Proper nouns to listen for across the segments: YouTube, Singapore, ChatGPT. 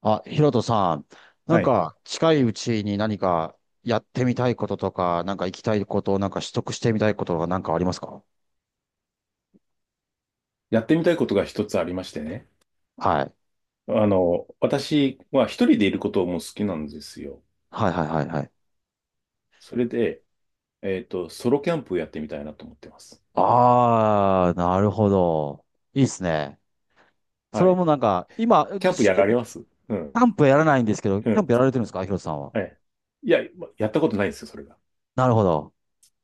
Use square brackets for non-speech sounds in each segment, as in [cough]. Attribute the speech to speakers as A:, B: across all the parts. A: あ、ヒロトさん、なん
B: はい。
A: か近いうちに何かやってみたいこととか、なんか行きたいこと、なんか取得してみたいことがなんかありますか？
B: やってみたいことが一つありましてね。
A: はい。
B: あの、私は一人でいることも好きなんですよ。
A: はいはいはいはい。
B: それで、ソロキャンプをやってみたいなと思ってます。
A: あー、なるほど。いいっすね。そ
B: は
A: れはも
B: い。
A: うなんか、今、
B: キャンプ
A: し
B: や
A: キ
B: られます？うん。
A: ャンプやらないんですけど、
B: う
A: キャン
B: ん。
A: プやられてるんですかヒロトさんは？
B: はい。いや、まやったことないんですよ、それが。
A: なるほど。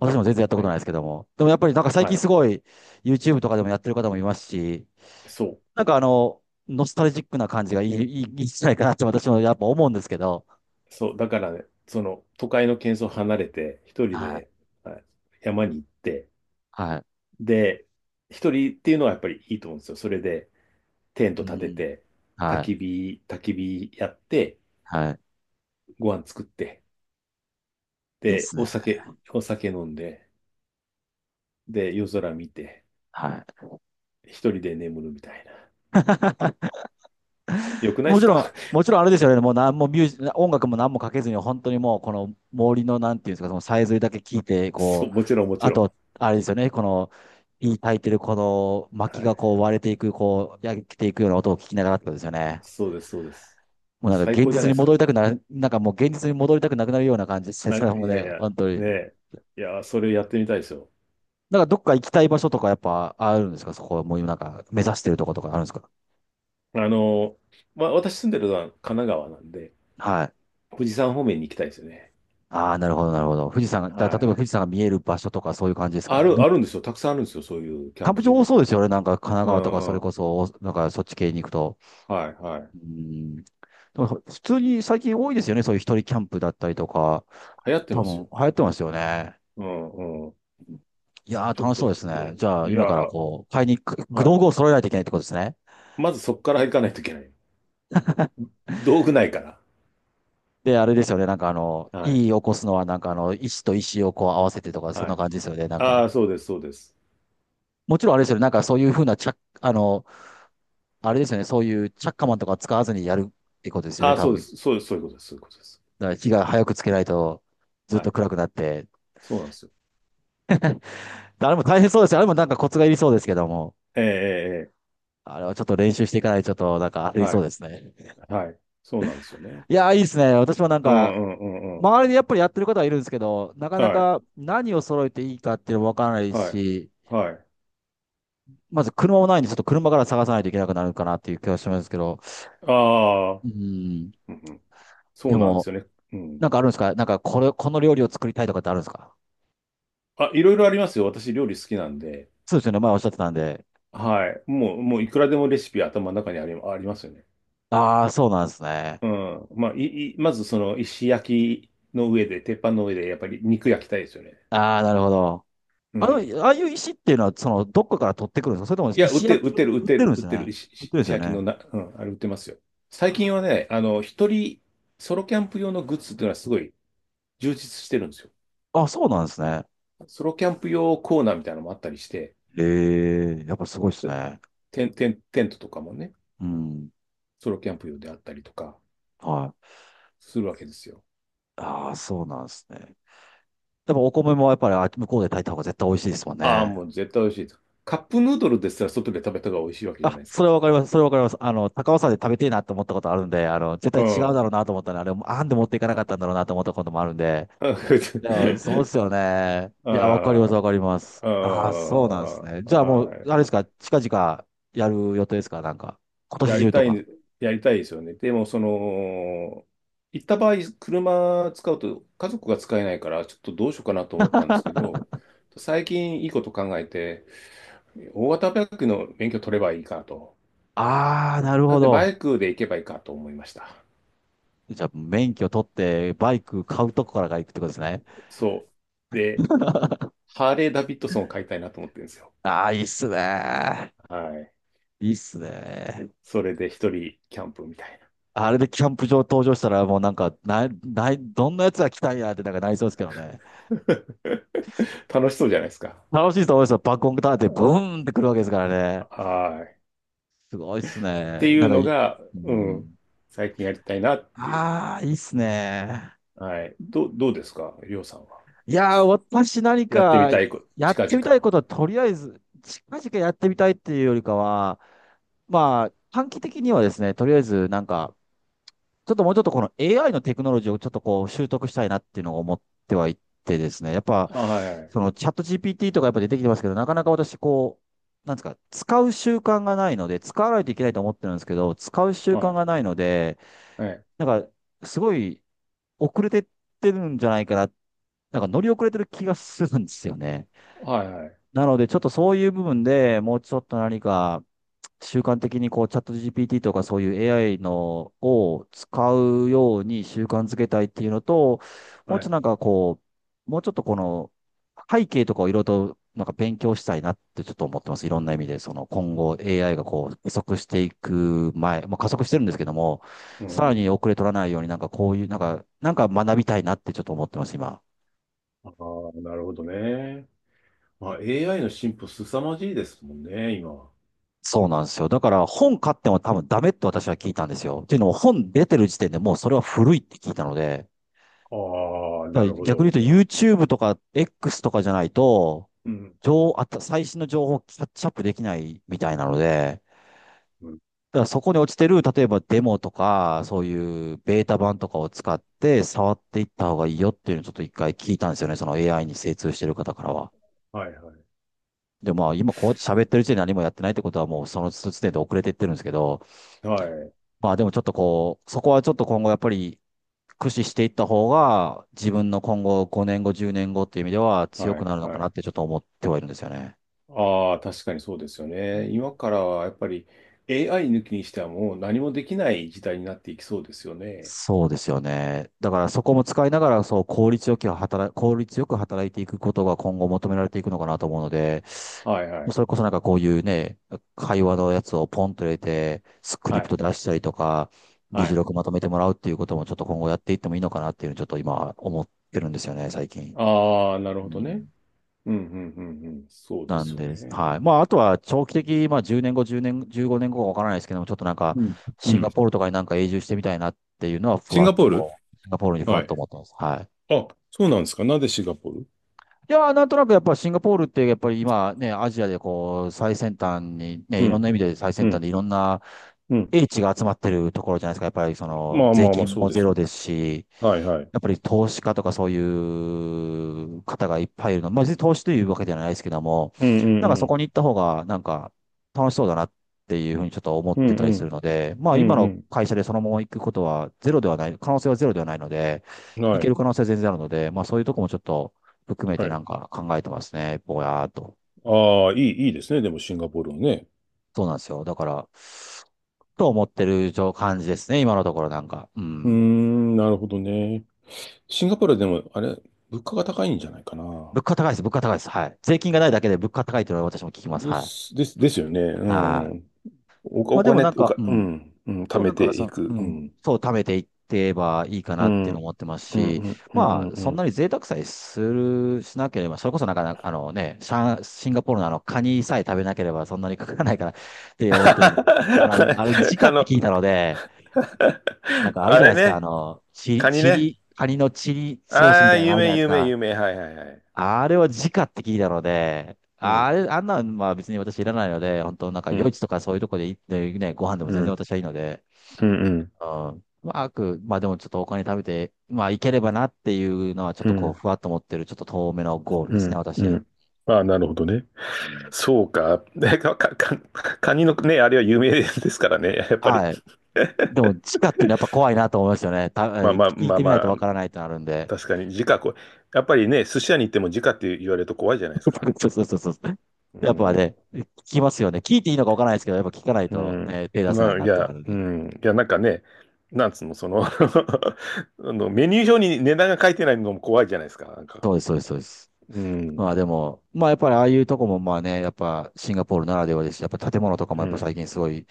A: 私も全然やったこ
B: は
A: とない
B: い。
A: ですけども。でもやっぱりなんか最
B: は
A: 近
B: い。
A: すごい YouTube とかでもやってる方もいますし、
B: そう。
A: なんかノスタルジックな感じがいいんじゃないかなって私もやっぱ思うんですけど、
B: そう。だからね、その、都会の喧騒を離れて、一人
A: はい
B: で、はい、山に行って、
A: はい。
B: で、一人っていうのはやっぱりいいと思うんですよ。それで、テン
A: う
B: ト立て
A: ん。
B: て、焚
A: は
B: き
A: い。
B: 火、焚き火やって、
A: はい。
B: ご飯作って、
A: いいっ
B: で、
A: すね。
B: お酒、お酒飲んで、で、夜空見て、
A: はい。
B: 一人で眠るみたいな。よくないで
A: も
B: す
A: ち
B: か？
A: ろん、もちろんあれですよね。もう何もミュージ、音楽も何もかけずに、本当にもうこの森のなんていうんですか、そのさえずりだけ聞いて、
B: [laughs] そ
A: こ
B: う、
A: う、
B: もちろんもち
A: あ
B: ろん。
A: と、あれですよね。この、いい炊いてるこの
B: は
A: 薪が
B: い。
A: こう割れていく、こう焼けていくような音を聞きながらってことですよね。
B: そうです、そうです。
A: もうなん
B: 最
A: か現
B: 高じゃ
A: 実
B: ない
A: に
B: です
A: 戻
B: か。
A: りたくなる、なんかもう現実に戻りたくなくなるような感じです。
B: な、
A: そ
B: い
A: れも
B: や
A: ね、
B: いや、
A: 本当
B: ね
A: に。
B: え。いや、それやってみたいですよ。
A: なんかどっか行きたい場所とかやっぱあるんですか？そこはもう今なんか目指してるとことかあるんですか？
B: あの、まあ、私住んでるのは神奈川なんで、
A: はい。
B: 富士山方面に行きたいですよね。
A: ああ、なるほど、なるほど。富士山が、
B: は
A: だ、例えば
B: い。
A: 富士山が見える場所とかそういう感じです
B: あ
A: か？で
B: る、
A: も
B: あるんですよ。たくさんあるんですよ。そういうキャ
A: キャ
B: ン
A: ンプ
B: プ
A: 場
B: 場
A: 多そ
B: が。
A: うですよね。なんか神奈
B: う
A: 川とかそ
B: んう
A: れ
B: ん。
A: こそ、なんかそっち系に行くと。
B: はいはい。
A: うん。でも普通に最近多いですよね。そういう一人キャンプだったりとか。
B: 流行って
A: 多
B: ますよ。
A: 分流行ってますよね。
B: うんうん。
A: いやー
B: ちょっ
A: 楽しそう
B: と、
A: ですね。じゃ
B: う
A: あ
B: ん。い
A: 今
B: や、
A: からこう、買いに、く
B: はい。
A: 道具を揃えないといけないってことですね。
B: まずそこから行かないといけない。道具ないから。
A: で、あれですよね。なんか
B: は
A: い
B: い。
A: い起こすのはなんか石と石をこう合わせてとか、そん
B: は
A: な
B: い。
A: 感じですよね。なん
B: あ
A: か。
B: あ、そうです、そうです。
A: もちろんあれですよね。なんかそういうふうな着、あの、あれですよね。そういうチャッカマンとか使わずにやるってことですよ
B: あ
A: ね、
B: あ、
A: 多
B: そうで
A: 分。だか
B: す。そうです、そういうことです、そういうことです。
A: ら火が早くつけないとずっ
B: は
A: と
B: い。
A: 暗くなって。
B: そうなんですよ。
A: あれも大変そうですよ。あれもなんかコツがいりそうですけども。
B: ええ、ええ、ええ、
A: あれはちょっと練習していかないとちょっとなんかあり
B: は
A: そう
B: い。
A: ですね。
B: はい。そうなんですよね。
A: いやー、いいですね。私もなん
B: う
A: か、
B: ん、うん、うん、うん。
A: 周りでやっぱりやってる方はいるんですけど、なかな
B: はい。
A: か何を揃えていいかっていうのもわからない
B: はい。
A: し、
B: はい。
A: まず車もないんで、ちょっと車から探さないといけなくなるかなっていう気がしますけど。
B: ああ、
A: うん。
B: うんうん、そ
A: で
B: うなんで
A: も、
B: すよね。うん。
A: なんかあるんですか？なんかこれ、この料理を作りたいとかってあるんですか？
B: あ、いろいろありますよ。私、料理好きなんで。
A: そうですよね。前おっしゃってたんで。
B: はい。もう、もう、いくらでもレシピ頭の中にあり、ありますよね。
A: ああ、そうなんですね。
B: うん。まあ、い、い、まずその石焼きの上で、鉄板の上で、やっぱり肉焼きたいですよね。
A: ああ、なるほど。
B: う
A: あ
B: ん。
A: の、ああいう石っていうのは、どっかから取ってくるんですか？それとも
B: いや、売っ
A: 石
B: て
A: 焼
B: る、売っ
A: きを
B: てる、売っ
A: 売っ
B: て
A: てる
B: る、
A: んで
B: 売っ
A: す
B: てる、
A: ね。
B: 石、
A: 売っ
B: 石
A: てるんです
B: 石
A: よ
B: 焼き
A: ね。
B: のな、うん、あれ売ってますよ。最近は
A: あ
B: ね、あの、一人、ソロキャンプ用のグッズっていうのはすごい充実してるんですよ。
A: ー、あそうなんですね。
B: ソロキャンプ用コーナーみたいなのもあったりして、
A: ええ、やっぱすごいですね。
B: テントとかもね、
A: うん。
B: ソロキャンプ用であったりとか
A: はい。
B: するわけですよ。
A: ああ、そうなんですね。でもお米もやっぱり向こうで炊いた方が絶対美味しいですもん
B: ああ、
A: ね。
B: もう絶対美味しいです。カップヌードルですら外で食べた方が美味しいわけじゃ
A: あ、
B: ないです
A: それ
B: か。
A: はわかります。それはわかります。高尾山で食べてえなと思ったことあるんで、絶
B: う
A: 対違うだろう
B: ん。
A: なと思ったら、あれ、あんで持っていかなかったんだろうなと思ったこともあるんで、いや、そうです
B: [laughs]
A: よね。いや、わかります、わ
B: あ
A: かります。
B: あ、ああ、
A: ああ、そうなんですね。じゃあもう、あれ
B: は
A: ですか、近々やる予定ですか、なんか？今
B: い。や
A: 年
B: り
A: 中と
B: た
A: か。
B: い、やりたいですよね。でも、その、行った場合、車使うと家族が使えないから、ちょっとどうしようかなと思ったんですけど、最近いいこと考えて、大型バイクの免許取ればいいかと。
A: ああ、なる
B: な
A: ほ
B: んで、バ
A: ど。
B: イクで行けばいいかと思いました。
A: じゃあ、免許取って、バイク買うとこからが行くってことですね。
B: そう。で、
A: [laughs]
B: ハーレー・ダビッドソンを買いたいなと思ってるんですよ。
A: ああ、いいっすね。
B: はい。
A: いいっすね。
B: それで一人キャンプみたいな。
A: あれでキャンプ場登場したら、もうなんか、な、ない、どんなやつが来たんやってなんかなりそうですけどね。
B: [laughs] 楽しそうじゃないですか。
A: 楽しいと思いますよ。バックオンターンってブーンってくるわけですからね。
B: はい。
A: すごいっすね。
B: てい
A: な
B: う
A: ん
B: の
A: か。
B: が、
A: う
B: うん、
A: ん。
B: 最近やりたいなっていう。
A: ああ、いいっすね。
B: はい。どう、どうですか、りょうさんは？
A: いやー、私何
B: やってみ
A: か
B: たいこと、
A: やっ
B: 近
A: てみたい
B: 々。
A: ことはとりあえず、近々やってみたいっていうよりかは、まあ、短期的にはですね、とりあえずなんか、ちょっともうちょっとこの AI のテクノロジーをちょっとこう習得したいなっていうのを思ってはいてですね、やっぱ、
B: はい。
A: そのチャット GPT とかやっぱ出てきてますけど、なかなか私こう、なんですか、使う習慣がないので、使わないといけないと思ってるんですけど、使う習
B: は
A: 慣がないので、
B: い。はい。
A: なんか、すごい遅れてってるんじゃないかなっなんか乗り遅れてる気がするんですよね。
B: はい。はい。
A: なので、ちょっとそういう部分でもうちょっと何か習慣的にこうチャット GPT とかそういう AI のを使うように習慣づけたいっていうのと、もう
B: は
A: ちょっと
B: い。
A: なんかこもうちょっとこの背景とかをいろいろとなんか勉強したいなってちょっと思ってます。いろんな意味で、その今後 AI がこう加速していく前、まあ、加速してるんですけども、
B: う
A: さらに
B: ん。
A: 遅れ取らないようになんかこういう、なんか学びたいなってちょっと思ってます、今。
B: ああ、なるほどね。まあ、AI の進歩凄まじいですもんね、今は。
A: そうなんですよ。だから本買っても多分ダメって私は聞いたんですよ。っていうのも本出てる時点でもうそれは古いって聞いたので、
B: ああ、
A: だ
B: な
A: から
B: るほ
A: 逆に
B: ど。
A: 言うと YouTube とか X とかじゃないと、
B: うん。
A: あと最新の情報をキャッチアップできないみたいなので、
B: うん。
A: だからそこに落ちてる、例えばデモとか、そういうベータ版とかを使って触っていった方がいいよっていうのをちょっと一回聞いたんですよね。その AI に精通してる方からは。
B: はいはい。
A: で、まあ今こうやって喋ってる時点で何もやってないってことはもうその時点で遅れていってるんですけど、
B: はい。
A: まあでもちょっとこう、そこはちょっと今後やっぱり駆使していった方が、自分の今後5年後、10年後っていう意味では強
B: は
A: く
B: い。
A: なるの
B: は
A: かな
B: い。
A: ってちょっと思ってはいるんですよね。
B: ああ、確かにそうですよ
A: う
B: ね。今
A: ん。
B: からはやっぱり AI 抜きにしてはもう何もできない時代になっていきそうですよね。
A: そうですよね。だからそこも使いながら、そう、効率よく働いていくことが今後求められていくのかなと思うので、
B: はいは
A: もう
B: い。
A: それこそなんかこういうね、会話のやつをポンと入れて、スク
B: は
A: リプ
B: い。
A: ト出したりとか、議
B: は
A: 事
B: い。
A: 録まとめてもらうっていうこともちょっと今後やっていってもいいのかなっていうのをちょっと今思ってるんですよね、最近。
B: ああ、なる
A: う
B: ほどね。
A: ん。
B: うん、うん、うん、うん。そうで
A: なん
B: すよ
A: です。は
B: ね。
A: い。まあ、あとは長期的、まあ、10年後、10年、15年後かわからないですけども、ちょっとなんか、
B: うん。う
A: シン
B: ん。
A: ガポールとかになんか永住してみたいなっていうのは、ふ
B: シン
A: わ
B: ガ
A: っ
B: ポ
A: と
B: ール、
A: こう、シンガポールにふわ
B: は
A: っ
B: い。
A: と思ってます。はい。
B: あ、そうなんですか。なんでシンガポール？
A: いやー、なんとなくやっぱシンガポールってやっぱり今ね、アジアでこう最先端にね、
B: う
A: いろんな
B: ん、
A: 意味で最
B: う
A: 先端
B: ん、
A: でいろんな
B: うん。
A: 英知が集まってるところじゃないですか。やっぱりその
B: まあ
A: 税
B: まあまあ、
A: 金
B: そう
A: も
B: で
A: ゼ
B: す。
A: ロですし、
B: はいはい。
A: やっぱり投資家とかそういう方がいっぱいいるの。まあ、別に投資というわけではないですけども、
B: うん、う
A: なんか
B: ん、う
A: そこ
B: ん。
A: に行った方がなんか楽しそうだなっていうふうにちょっと思っ
B: うん、
A: てた
B: う
A: りする
B: ん。
A: ので、まあ
B: う
A: 今の
B: ん
A: 会社でそのまま行くことはゼロではない、可能性はゼロではないので、
B: うん。
A: 行
B: は
A: け
B: い。
A: る可能性は全然あるので、まあそういうとこもちょっと含め
B: は
A: てな
B: い。
A: んか考えてますね。ぼやーっと。
B: ああ、いい、いいですね。でも、シンガポールはね。
A: そうなんですよ。だから、と思ってる状感じですね。今のところなんか。う
B: うー
A: ん。
B: ん、なるほどね。シンガポールはでも、あれ、物価が高いんじゃないかな。
A: 物価高いです。物価高いです。はい。税金がないだけで物価高いというのは私も聞きます。
B: で
A: はい。
B: す、です、ですよね。う
A: はい。
B: ん。お、
A: ま
B: お
A: あでも
B: 金、
A: なん
B: お
A: か、
B: か、
A: う
B: う
A: ん。
B: ん、うん、
A: で
B: 貯
A: もな
B: め
A: ん
B: て
A: か、そ
B: い
A: の、う
B: く。う
A: ん。
B: ん。
A: そう、貯めていってばいいか
B: う
A: なって
B: ん、
A: いう
B: う
A: のを
B: ん、
A: 思ってます
B: う
A: し、
B: ん、うん、う
A: ま
B: ん
A: あ、そ
B: う
A: んな
B: ん。
A: に贅沢さえしなければ、それこそなんかあのね、シンガポールのあの、カニさえ食べなければそんなにかからないからっ
B: [laughs]
A: て思ってるので、あの、あれ、時価
B: あ
A: って
B: の、
A: 聞いたので、なん
B: [laughs]
A: かある
B: あ
A: じゃな
B: れ
A: いですか。あ
B: ね、
A: の、チリ、
B: カニ
A: チ
B: ね。
A: リ、カニのチリソースみ
B: ああ、
A: たいなのがあ
B: 有
A: るじゃない
B: 名、
A: です
B: 有名、
A: か。
B: 有名。はい、はい、はい。
A: あれは直って聞いたので、
B: う
A: あ
B: ん、
A: れ、あんなんは別に私いらないので、本当なんか
B: う
A: 夜
B: ん、
A: 市とかそういうとこで行ってね、ご飯でも
B: う
A: 全然
B: ん、
A: 私はいいので、
B: うん、うん、
A: うん。まあ、まあでもちょっとお金食べて、まあいければなっていうのはちょっ
B: う
A: とこう、
B: ん、
A: ふわっと思ってる、ちょっと遠めのゴール
B: う
A: ですね、
B: ん、う
A: 私。
B: ん。ああ、なるほどね。
A: うん。
B: そうか。[laughs] ねか、か、か、カニのね、あれは有名ですからね。やっぱり。
A: はい。
B: [laughs]
A: でも、地下っていうのはやっぱ怖いなと思いますよね。
B: まあ
A: 聞
B: まあ
A: い
B: まあ
A: てみ
B: ま
A: ないと
B: あ、
A: わからないとなるんで。
B: 確かに、時価こう、やっぱりね、寿司屋に行っても時価って言われると怖いじゃないですか。
A: そうそうそうそう。
B: う
A: やっぱ
B: ん。
A: ね、聞きますよね。聞いていいのかわからないですけど、やっぱ聞かない
B: う
A: と
B: ん。
A: ね、手出せな
B: ま
A: い
B: あ、
A: な
B: い
A: っての
B: や、
A: はあるん
B: う
A: で。
B: ん。いや、なんかね、なんつうの、その [laughs] あの、メニュー表に値段が書いてないのも怖いじゃないですか。なんか。
A: そうです、そうです、そうです。
B: う
A: ま
B: ん。
A: あでも、まあやっぱりああいうとこもまあね、やっぱシンガポールならではですし、やっぱ建物とかも
B: う
A: やっぱ
B: ん。
A: 最近すごい、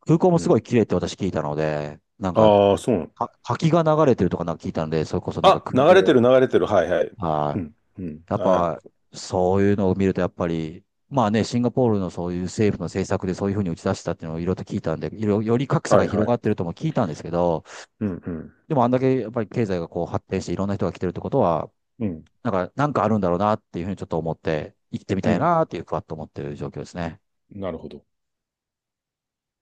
A: 空港も
B: う
A: すご
B: ん。
A: い綺麗って私聞いたので、なんか、
B: ああ、そうなの。
A: は滝が流れてるとかなんか聞いたので、それこそなんか
B: あ、
A: 空
B: 流れてる、
A: 洞、
B: 流れてる。はいはい。
A: は
B: う
A: い。
B: ん。うん。
A: やっ
B: は
A: ぱ、
B: い。
A: そういうのを見るとやっぱり、まあね、シンガポールのそういう政府の政策でそういうふうに打ち出したっていうのをいろいろと聞いたんで、いろより格差
B: は
A: が
B: いは
A: 広がっ
B: い。
A: てるとも聞いたんですけど、
B: うんうん。
A: でもあんだけやっぱり経済がこう発展していろんな人が来てるってことは、
B: うんああそうあ流れてる流れてるは
A: なんか、なんかあるんだろうなっていうふうにちょっと思って、行ってみ
B: い
A: た
B: は
A: い
B: いうん。
A: なっていうふわっと思ってる状況ですね。
B: なるほど。